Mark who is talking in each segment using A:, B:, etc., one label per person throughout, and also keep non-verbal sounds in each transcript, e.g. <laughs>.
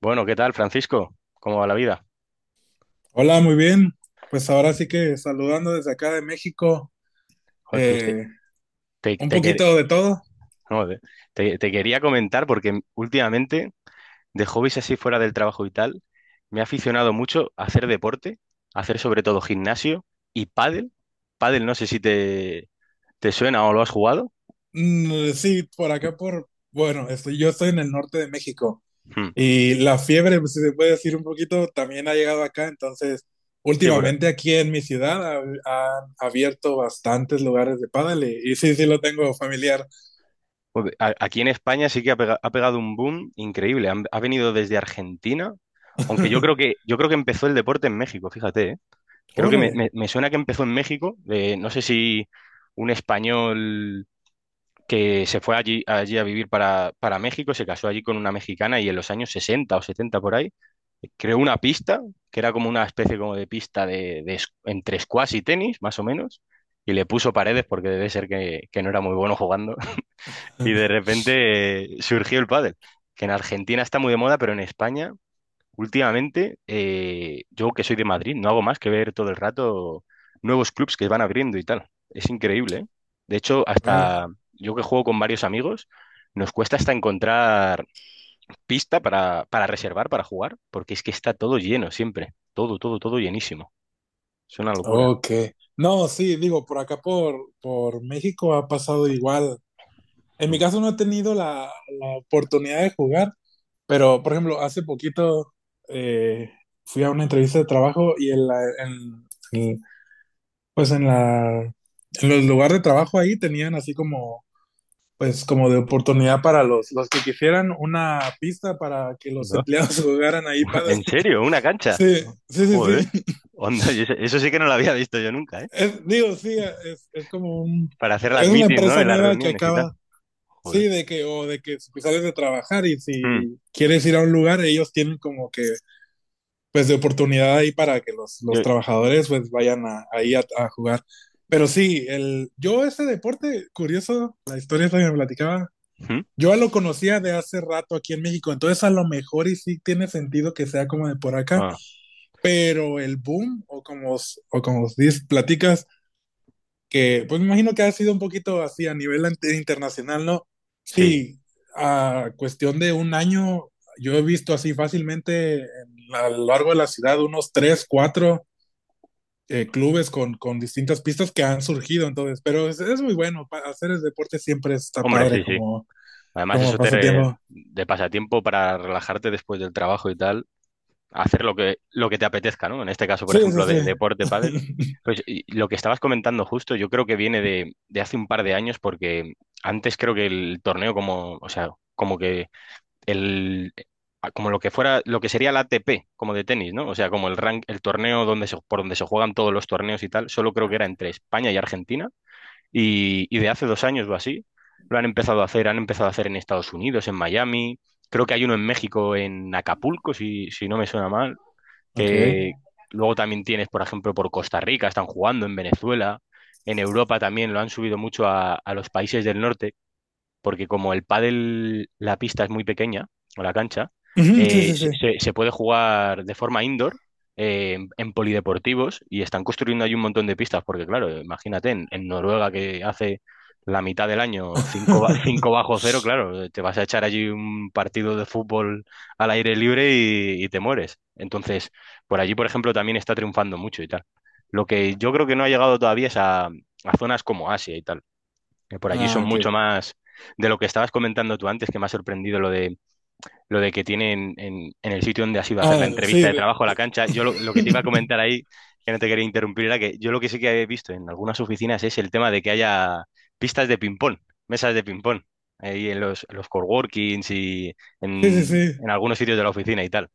A: Bueno, ¿qué tal, Francisco? ¿Cómo va la vida?
B: Hola, muy bien. Pues ahora sí que saludando desde acá de México,
A: Joder, pues, te,
B: eh,
A: te-
B: un
A: te quer-
B: poquito de todo.
A: no, te- te quería comentar porque últimamente, de hobbies así fuera del trabajo y tal, me he aficionado mucho a hacer deporte, a hacer sobre todo gimnasio y pádel. Pádel, no sé si te suena o lo has jugado.
B: Mm, sí, por acá por, bueno, yo estoy en el norte de México
A: Hmm.
B: y la fiebre, pues, si se puede decir un poquito, también ha llegado acá. Entonces,
A: Sí,
B: últimamente aquí en mi ciudad han abierto bastantes lugares de pádel y sí, sí lo tengo familiar.
A: joder, aquí en España sí que ha pegado un boom increíble. Ha venido desde Argentina, aunque
B: <laughs>
A: yo creo que empezó el deporte en México, fíjate, ¿eh? Creo que
B: Órale.
A: me suena que empezó en México, de, no sé si un español que se fue allí, allí a vivir para México, se casó allí con una mexicana y en los años 60 o 70 por ahí, creó una pista, que era como una especie como de pista entre squash y tenis, más o menos, y le puso paredes porque debe ser que no era muy bueno jugando. <laughs> Y de repente surgió el pádel, que en Argentina está muy de moda, pero en España... Últimamente, yo que soy de Madrid, no hago más que ver todo el rato nuevos clubs que van abriendo y tal. Es increíble, ¿eh? De hecho, hasta
B: Ah,
A: yo que juego con varios amigos, nos cuesta hasta encontrar pista para reservar, para jugar, porque es que está todo lleno siempre. Todo, todo, todo llenísimo. Es una locura.
B: Ok. No, sí, digo, por acá por México ha pasado igual. En mi
A: Mm.
B: caso no he tenido la oportunidad de jugar, pero por ejemplo, hace poquito eh, fui a una entrevista de trabajo y en la, en- pues en la, en los lugares de trabajo ahí tenían así como, pues como de oportunidad para los que quisieran una pista para que los
A: ¿No?
B: empleados <laughs> jugaran ahí
A: <laughs>
B: padre.
A: ¿En serio? ¿Una cancha?
B: Sí, sí, sí,
A: Joder.
B: sí.
A: Onda, y eso sí que no lo había visto yo nunca, ¿eh?
B: Digo, sí, es, es como un,
A: Para hacer las
B: es una
A: meetings, ¿no? Y
B: empresa
A: las
B: nueva que
A: reuniones y tal.
B: acaba. Sí,
A: Joder.
B: o de que si sales de trabajar y
A: Mm.
B: si quieres ir a un lugar, ellos tienen como que, pues, de oportunidad ahí para que los
A: Yo...
B: trabajadores, pues, vayan a jugar. Pero sí, yo ese deporte, curioso, la historia esa que me platicaba,
A: ¿Mm?
B: yo lo conocía de hace rato aquí en México, entonces a lo mejor y sí tiene sentido que sea como de por acá,
A: Ah,
B: pero el boom, o como dices, platicas, que pues me imagino que ha sido un poquito así a nivel internacional, ¿no?
A: sí.
B: Sí, a cuestión de un año, yo he visto así fácilmente a lo largo de la ciudad unos tres, cuatro clubes con distintas pistas que han surgido, entonces, pero es muy bueno, hacer el deporte siempre está
A: Hombre,
B: padre
A: sí, sí.
B: como,
A: Además,
B: como pasatiempo.
A: de pasatiempo para relajarte después del trabajo y tal, hacer lo que te apetezca, ¿no? En este caso, por
B: Sí, sí,
A: ejemplo, de,
B: sí.
A: deporte, pádel.
B: <laughs>
A: Pues y lo que estabas comentando justo, yo creo que viene de hace un par de años, porque antes creo que el torneo como, o sea, como que el como lo que fuera, lo que sería la ATP, como de tenis, ¿no? O sea, como el rank, el torneo donde se- por donde se juegan todos los torneos y tal, solo creo que era entre España y Argentina y de hace dos años o así, lo han empezado a hacer, han empezado a hacer en Estados Unidos, en Miami, creo que hay uno en México, en Acapulco, si, si no me suena mal,
B: Ok.
A: que luego también tienes, por ejemplo, por Costa Rica, están jugando en Venezuela, en Europa también lo han subido mucho a los países del norte porque como el pádel, la pista es muy pequeña, o la cancha,
B: Ujú, sí,
A: eh,
B: sí, sí.
A: se, se puede jugar de forma indoor, en polideportivos, y están construyendo ahí un montón de pistas, porque claro, imagínate, en Noruega que hace la mitad del año <laughs> 5
B: <laughs>
A: bajo cero, claro, te vas a echar allí un partido de fútbol al aire libre y te mueres. Entonces, por allí, por ejemplo, también está triunfando mucho y tal. Lo que yo creo que no ha llegado todavía es a zonas como Asia y tal que por allí
B: Ah,
A: son
B: ok.
A: mucho más de lo que estabas comentando tú antes, que me ha sorprendido lo de que tienen en el sitio donde has ido a hacer la
B: Ah,
A: entrevista
B: sí,
A: de trabajo a la cancha. Yo lo que te iba a comentar
B: <laughs>
A: ahí, que no te quería interrumpir, era que yo lo que sí que he visto en algunas oficinas es el tema de que haya pistas de ping-pong, mesas de ping-pong, ahí en los coworkings y
B: sí, sí, sí.
A: en algunos sitios de la oficina y tal.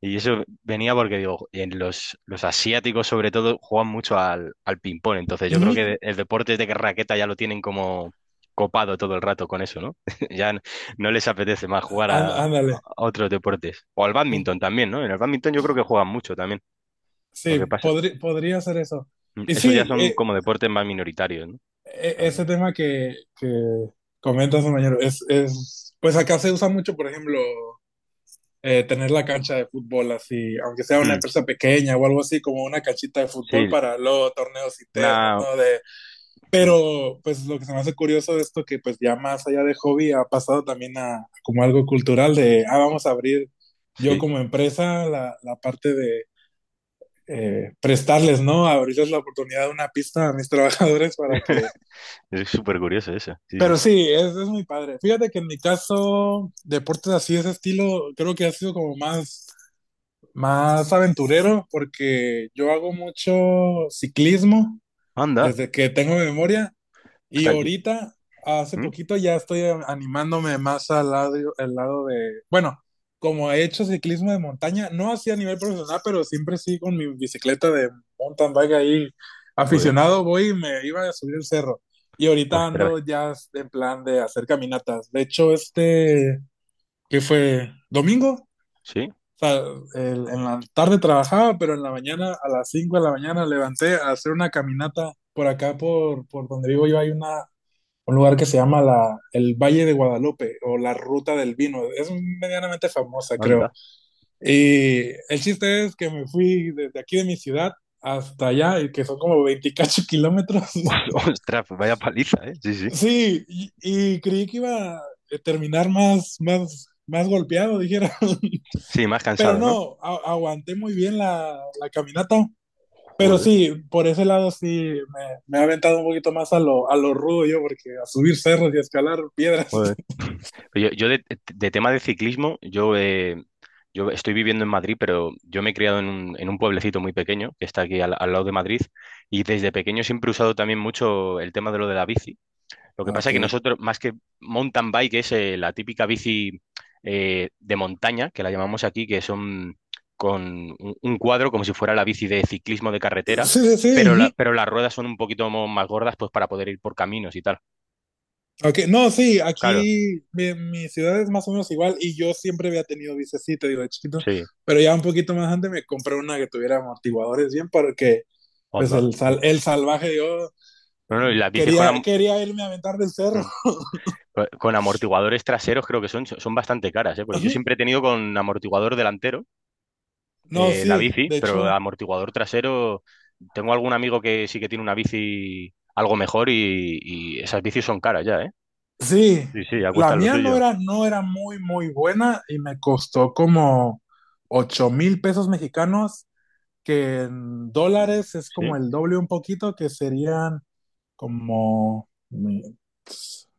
A: Y eso venía porque digo, en los asiáticos sobre todo juegan mucho al, al ping-pong, entonces yo creo que
B: Ujú,
A: el deporte de raqueta ya lo tienen como copado todo el rato con eso, ¿no? <laughs> Ya n- no les apetece más jugar
B: á-
A: a
B: Ándale.
A: otros deportes. O al bádminton también, ¿no? En el bádminton yo creo que juegan mucho también. Lo
B: Sí,
A: que pasa,
B: podría ser eso. Y
A: esos ya
B: sí,
A: son como deportes más minoritarios, ¿no?
B: ese
A: También.
B: tema que comentas, compañero, es, pues acá se usa mucho, por ejemplo, tener la cancha de fútbol así, aunque sea una
A: Mm,
B: empresa pequeña o algo así, como una canchita de fútbol
A: sí,
B: para luego torneos internos,
A: una...
B: ¿no?
A: mm,
B: Pero pues lo que se me hace curioso de esto, que pues ya más allá de hobby ha pasado también a como algo cultural de, ah, vamos a abrir yo
A: sí,
B: como empresa la parte de prestarles, ¿no? Abrirles la oportunidad de una pista a mis <laughs> trabajadores para que...
A: <laughs> es súper curioso eso. Sí, sí.
B: Pero sí, es muy padre. Fíjate que en mi caso, deportes así de ese estilo, creo que ha sido como más aventurero, porque yo hago mucho ciclismo
A: Anda.
B: desde que tengo memoria y
A: Ostras, yo-
B: ahorita, hace
A: mm,
B: poquito, ya estoy animándome más al lado de, bueno, como he hecho ciclismo de montaña, no así a nivel profesional, pero siempre sí con mi bicicleta de mountain bike ahí
A: Joder.
B: aficionado, voy y me iba a subir el cerro. Y ahorita
A: Ostras.
B: ando ya en plan de hacer caminatas. De hecho, este, que fue domingo, o
A: Sí,
B: sea, en la tarde trabajaba, pero en la mañana, a las 5 de la mañana, levanté a hacer una caminata por acá, por donde vivo yo, hay una un lugar que se llama el Valle de Guadalupe o la Ruta del Vino. Es medianamente famosa, creo.
A: anda.
B: Y el chiste es que me fui desde aquí de mi ciudad hasta allá, y que son como 28 kilómetros.
A: <laughs>
B: <laughs>
A: Ostras, vaya paliza, ¿eh? Sí, sí.
B: Sí, y creí que iba a terminar más golpeado, dijera. <laughs>
A: Sí, más
B: Pero
A: cansado, ¿no?
B: no, aguanté muy bien la caminata. Pero
A: Joder.
B: sí, por ese lado sí me ha aventado un poquito más a lo rudo yo, porque a subir cerros y a escalar piedras.
A: Joder.
B: <laughs>
A: Pero yo de tema de ciclismo, yo estoy viviendo en Madrid, pero yo me he criado en un pueblecito muy pequeño que está aquí al, al lado de Madrid y desde pequeño siempre he usado también mucho el tema de lo de la bici. Lo que
B: Ah,
A: pasa es que
B: Ok.
A: nosotros, más que mountain bike, es la típica bici de montaña, que la llamamos aquí, que son con un cuadro como si fuera la bici de ciclismo de carretera,
B: Sí, sí, sí.
A: pero,
B: Ujú.
A: pero las ruedas son un poquito más gordas pues para poder ir por caminos y tal.
B: Okay. No, sí,
A: Claro,
B: aquí mi ciudad es más o menos igual y yo siempre había tenido bicicleta, digo, de chiquito,
A: sí.
B: pero ya un poquito más antes me compré una que tuviera amortiguadores bien porque pues
A: Onda.
B: el salvaje yo
A: No, no, y las bicis con,
B: quería,
A: am-
B: quería irme a aventar del cerro.
A: mm, co- con amortiguadores traseros creo que son, son bastante caras, ¿eh?
B: <laughs>
A: Porque yo
B: Ujú.
A: siempre he tenido con amortiguador delantero
B: No,
A: la
B: sí,
A: bici,
B: de
A: pero
B: hecho,
A: amortiguador trasero, tengo algún amigo que sí que tiene una bici algo mejor y esas bicis son caras ya, ¿eh?
B: sí,
A: Sí, sí, ya
B: la
A: cuestan lo
B: mía
A: suyo.
B: no era muy, muy buena y me costó como 8,000 pesos mexicanos que en dólares es como
A: ¿Sí?
B: el doble un poquito, que serían como, mi-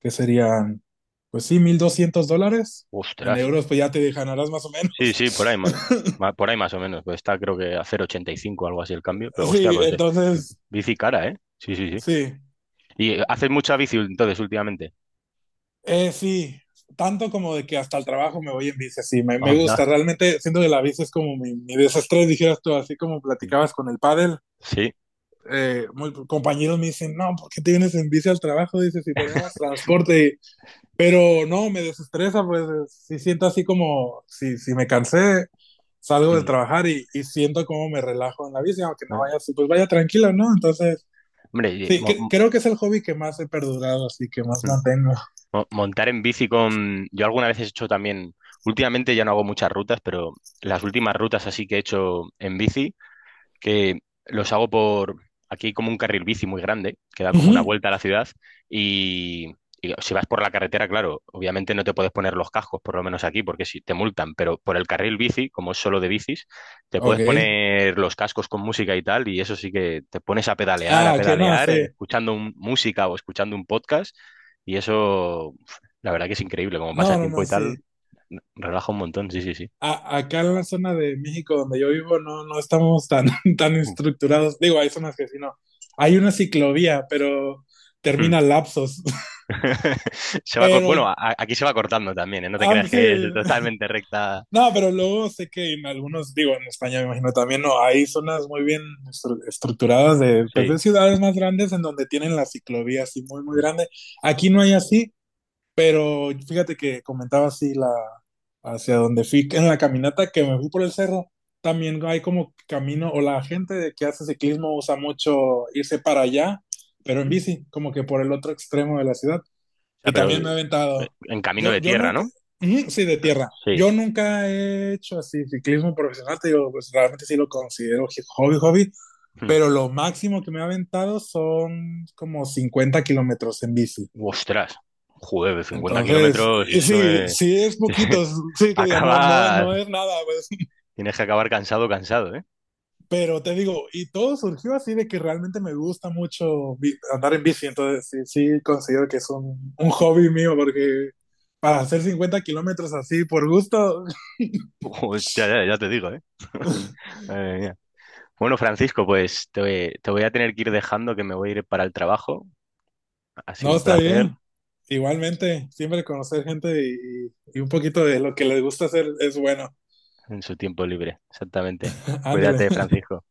B: que serían, pues sí, 1,200 dólares. En
A: Ostras.
B: euros, pues ya te ganarás más o
A: Sí,
B: menos.
A: sí, por ahí, ma-
B: <laughs>
A: ma- por ahí más o menos. Pues está creo que a cero coma ochenta y cinco algo así el cambio, pero hostia,
B: Sí,
A: pues
B: entonces,
A: bici cara, ¿eh? Sí, sí, sí.
B: sí,
A: ¿Y haces mucha bici entonces últimamente?
B: sí, tanto como de que hasta el trabajo me voy en bici, sí, me gusta,
A: Anda.
B: realmente siento que la bici es como mi desestrés, dijeras tú, así como platicabas con el pádel,
A: Sí.
B: compañeros me dicen, no, ¿por qué te vienes en bici al trabajo? Dices, si tenemos transporte, pero no, me desestresa, pues sí siento así como, si me cansé, salgo de trabajar y siento como me relajo en la bici, aunque no
A: Eh,
B: vaya así, pues vaya tranquilo, ¿no? Entonces,
A: Hombre, y
B: sí,
A: mo- mo-
B: creo que es el hobby que más he perdurado, así que más
A: mm,
B: mantengo.
A: montar en bici con... Yo alguna vez he hecho también, últimamente ya no hago muchas rutas, pero las últimas rutas así que he hecho en bici, que los hago por aquí como un carril bici muy grande, que da como una
B: Ujú.
A: vuelta a la ciudad y, y si vas por la carretera, claro, obviamente no te puedes poner los cascos, por lo menos aquí, porque si te multan, pero por el carril bici, como es solo de bicis, te
B: Ok.
A: puedes poner los cascos con música y tal, y eso sí que te pones a
B: Ah, que no,
A: pedalear,
B: sí.
A: escuchando música o escuchando un podcast, y eso, uf, la verdad que es increíble, como
B: No, no,
A: pasatiempo
B: no,
A: y
B: sí.
A: tal, relaja un montón, sí, sí, sí.
B: Acá en la zona de México donde yo vivo no, no estamos tan, <laughs> tan estructurados. Digo, hay zonas que sí, no. Hay una ciclovía, pero termina
A: <laughs>
B: lapsos. <laughs>
A: <laughs> Se va,
B: Pero,
A: aquí se va cortando también, ¿eh? No te
B: ah,
A: creas
B: sí,
A: que es totalmente recta.
B: no, pero luego sé que en algunos, digo, en España me imagino también, no, hay zonas muy bien estructuradas de, pues, de
A: Sí.
B: ciudades más grandes en donde tienen la ciclovía así muy, muy
A: Mm.
B: grande. Aquí no hay así, pero fíjate que comentaba así hacia donde fui en la caminata que me fui por el cerro, también hay como camino, o la gente de que hace ciclismo usa mucho irse para allá, pero
A: ¿Mm?
B: en
A: O
B: bici, como que por el otro extremo de la ciudad.
A: sea,
B: Y
A: pero
B: también me he aventado.
A: en camino
B: Yo,
A: de
B: yo
A: tierra,
B: nunca,
A: ¿no?
B: ujú, sí, de tierra.
A: Sí.
B: Yo nunca he hecho así ciclismo profesional, te digo, pues realmente sí lo considero hobby, hobby,
A: Mm.
B: pero lo máximo que me he aventado son como 50 kilómetros en bici.
A: Ostras. Joder, 50
B: Entonces,
A: kilómetros,
B: y
A: eso
B: sí, sí es
A: <laughs>
B: poquito, sí que diga, no, no,
A: acabas,
B: no es nada, pues,
A: tienes que acabar cansado, cansado, ¿eh?
B: pero te digo, y todo surgió así de que realmente me gusta mucho andar en bici, entonces sí, sí considero que es un hobby mío, porque para hacer 50 kilómetros así por gusto,
A: Hostia, ya, ya te digo, ¿eh?
B: <laughs>
A: Madre mía. Bueno, Francisco, pues te voy a tener que ir dejando, que me voy a ir para el trabajo. Ha sido
B: no
A: un
B: está
A: placer
B: bien. Igualmente, siempre conocer gente y un poquito de lo que les gusta hacer es bueno.
A: en su tiempo libre, exactamente.
B: <laughs> Ándale.
A: Cuídate, Francisco.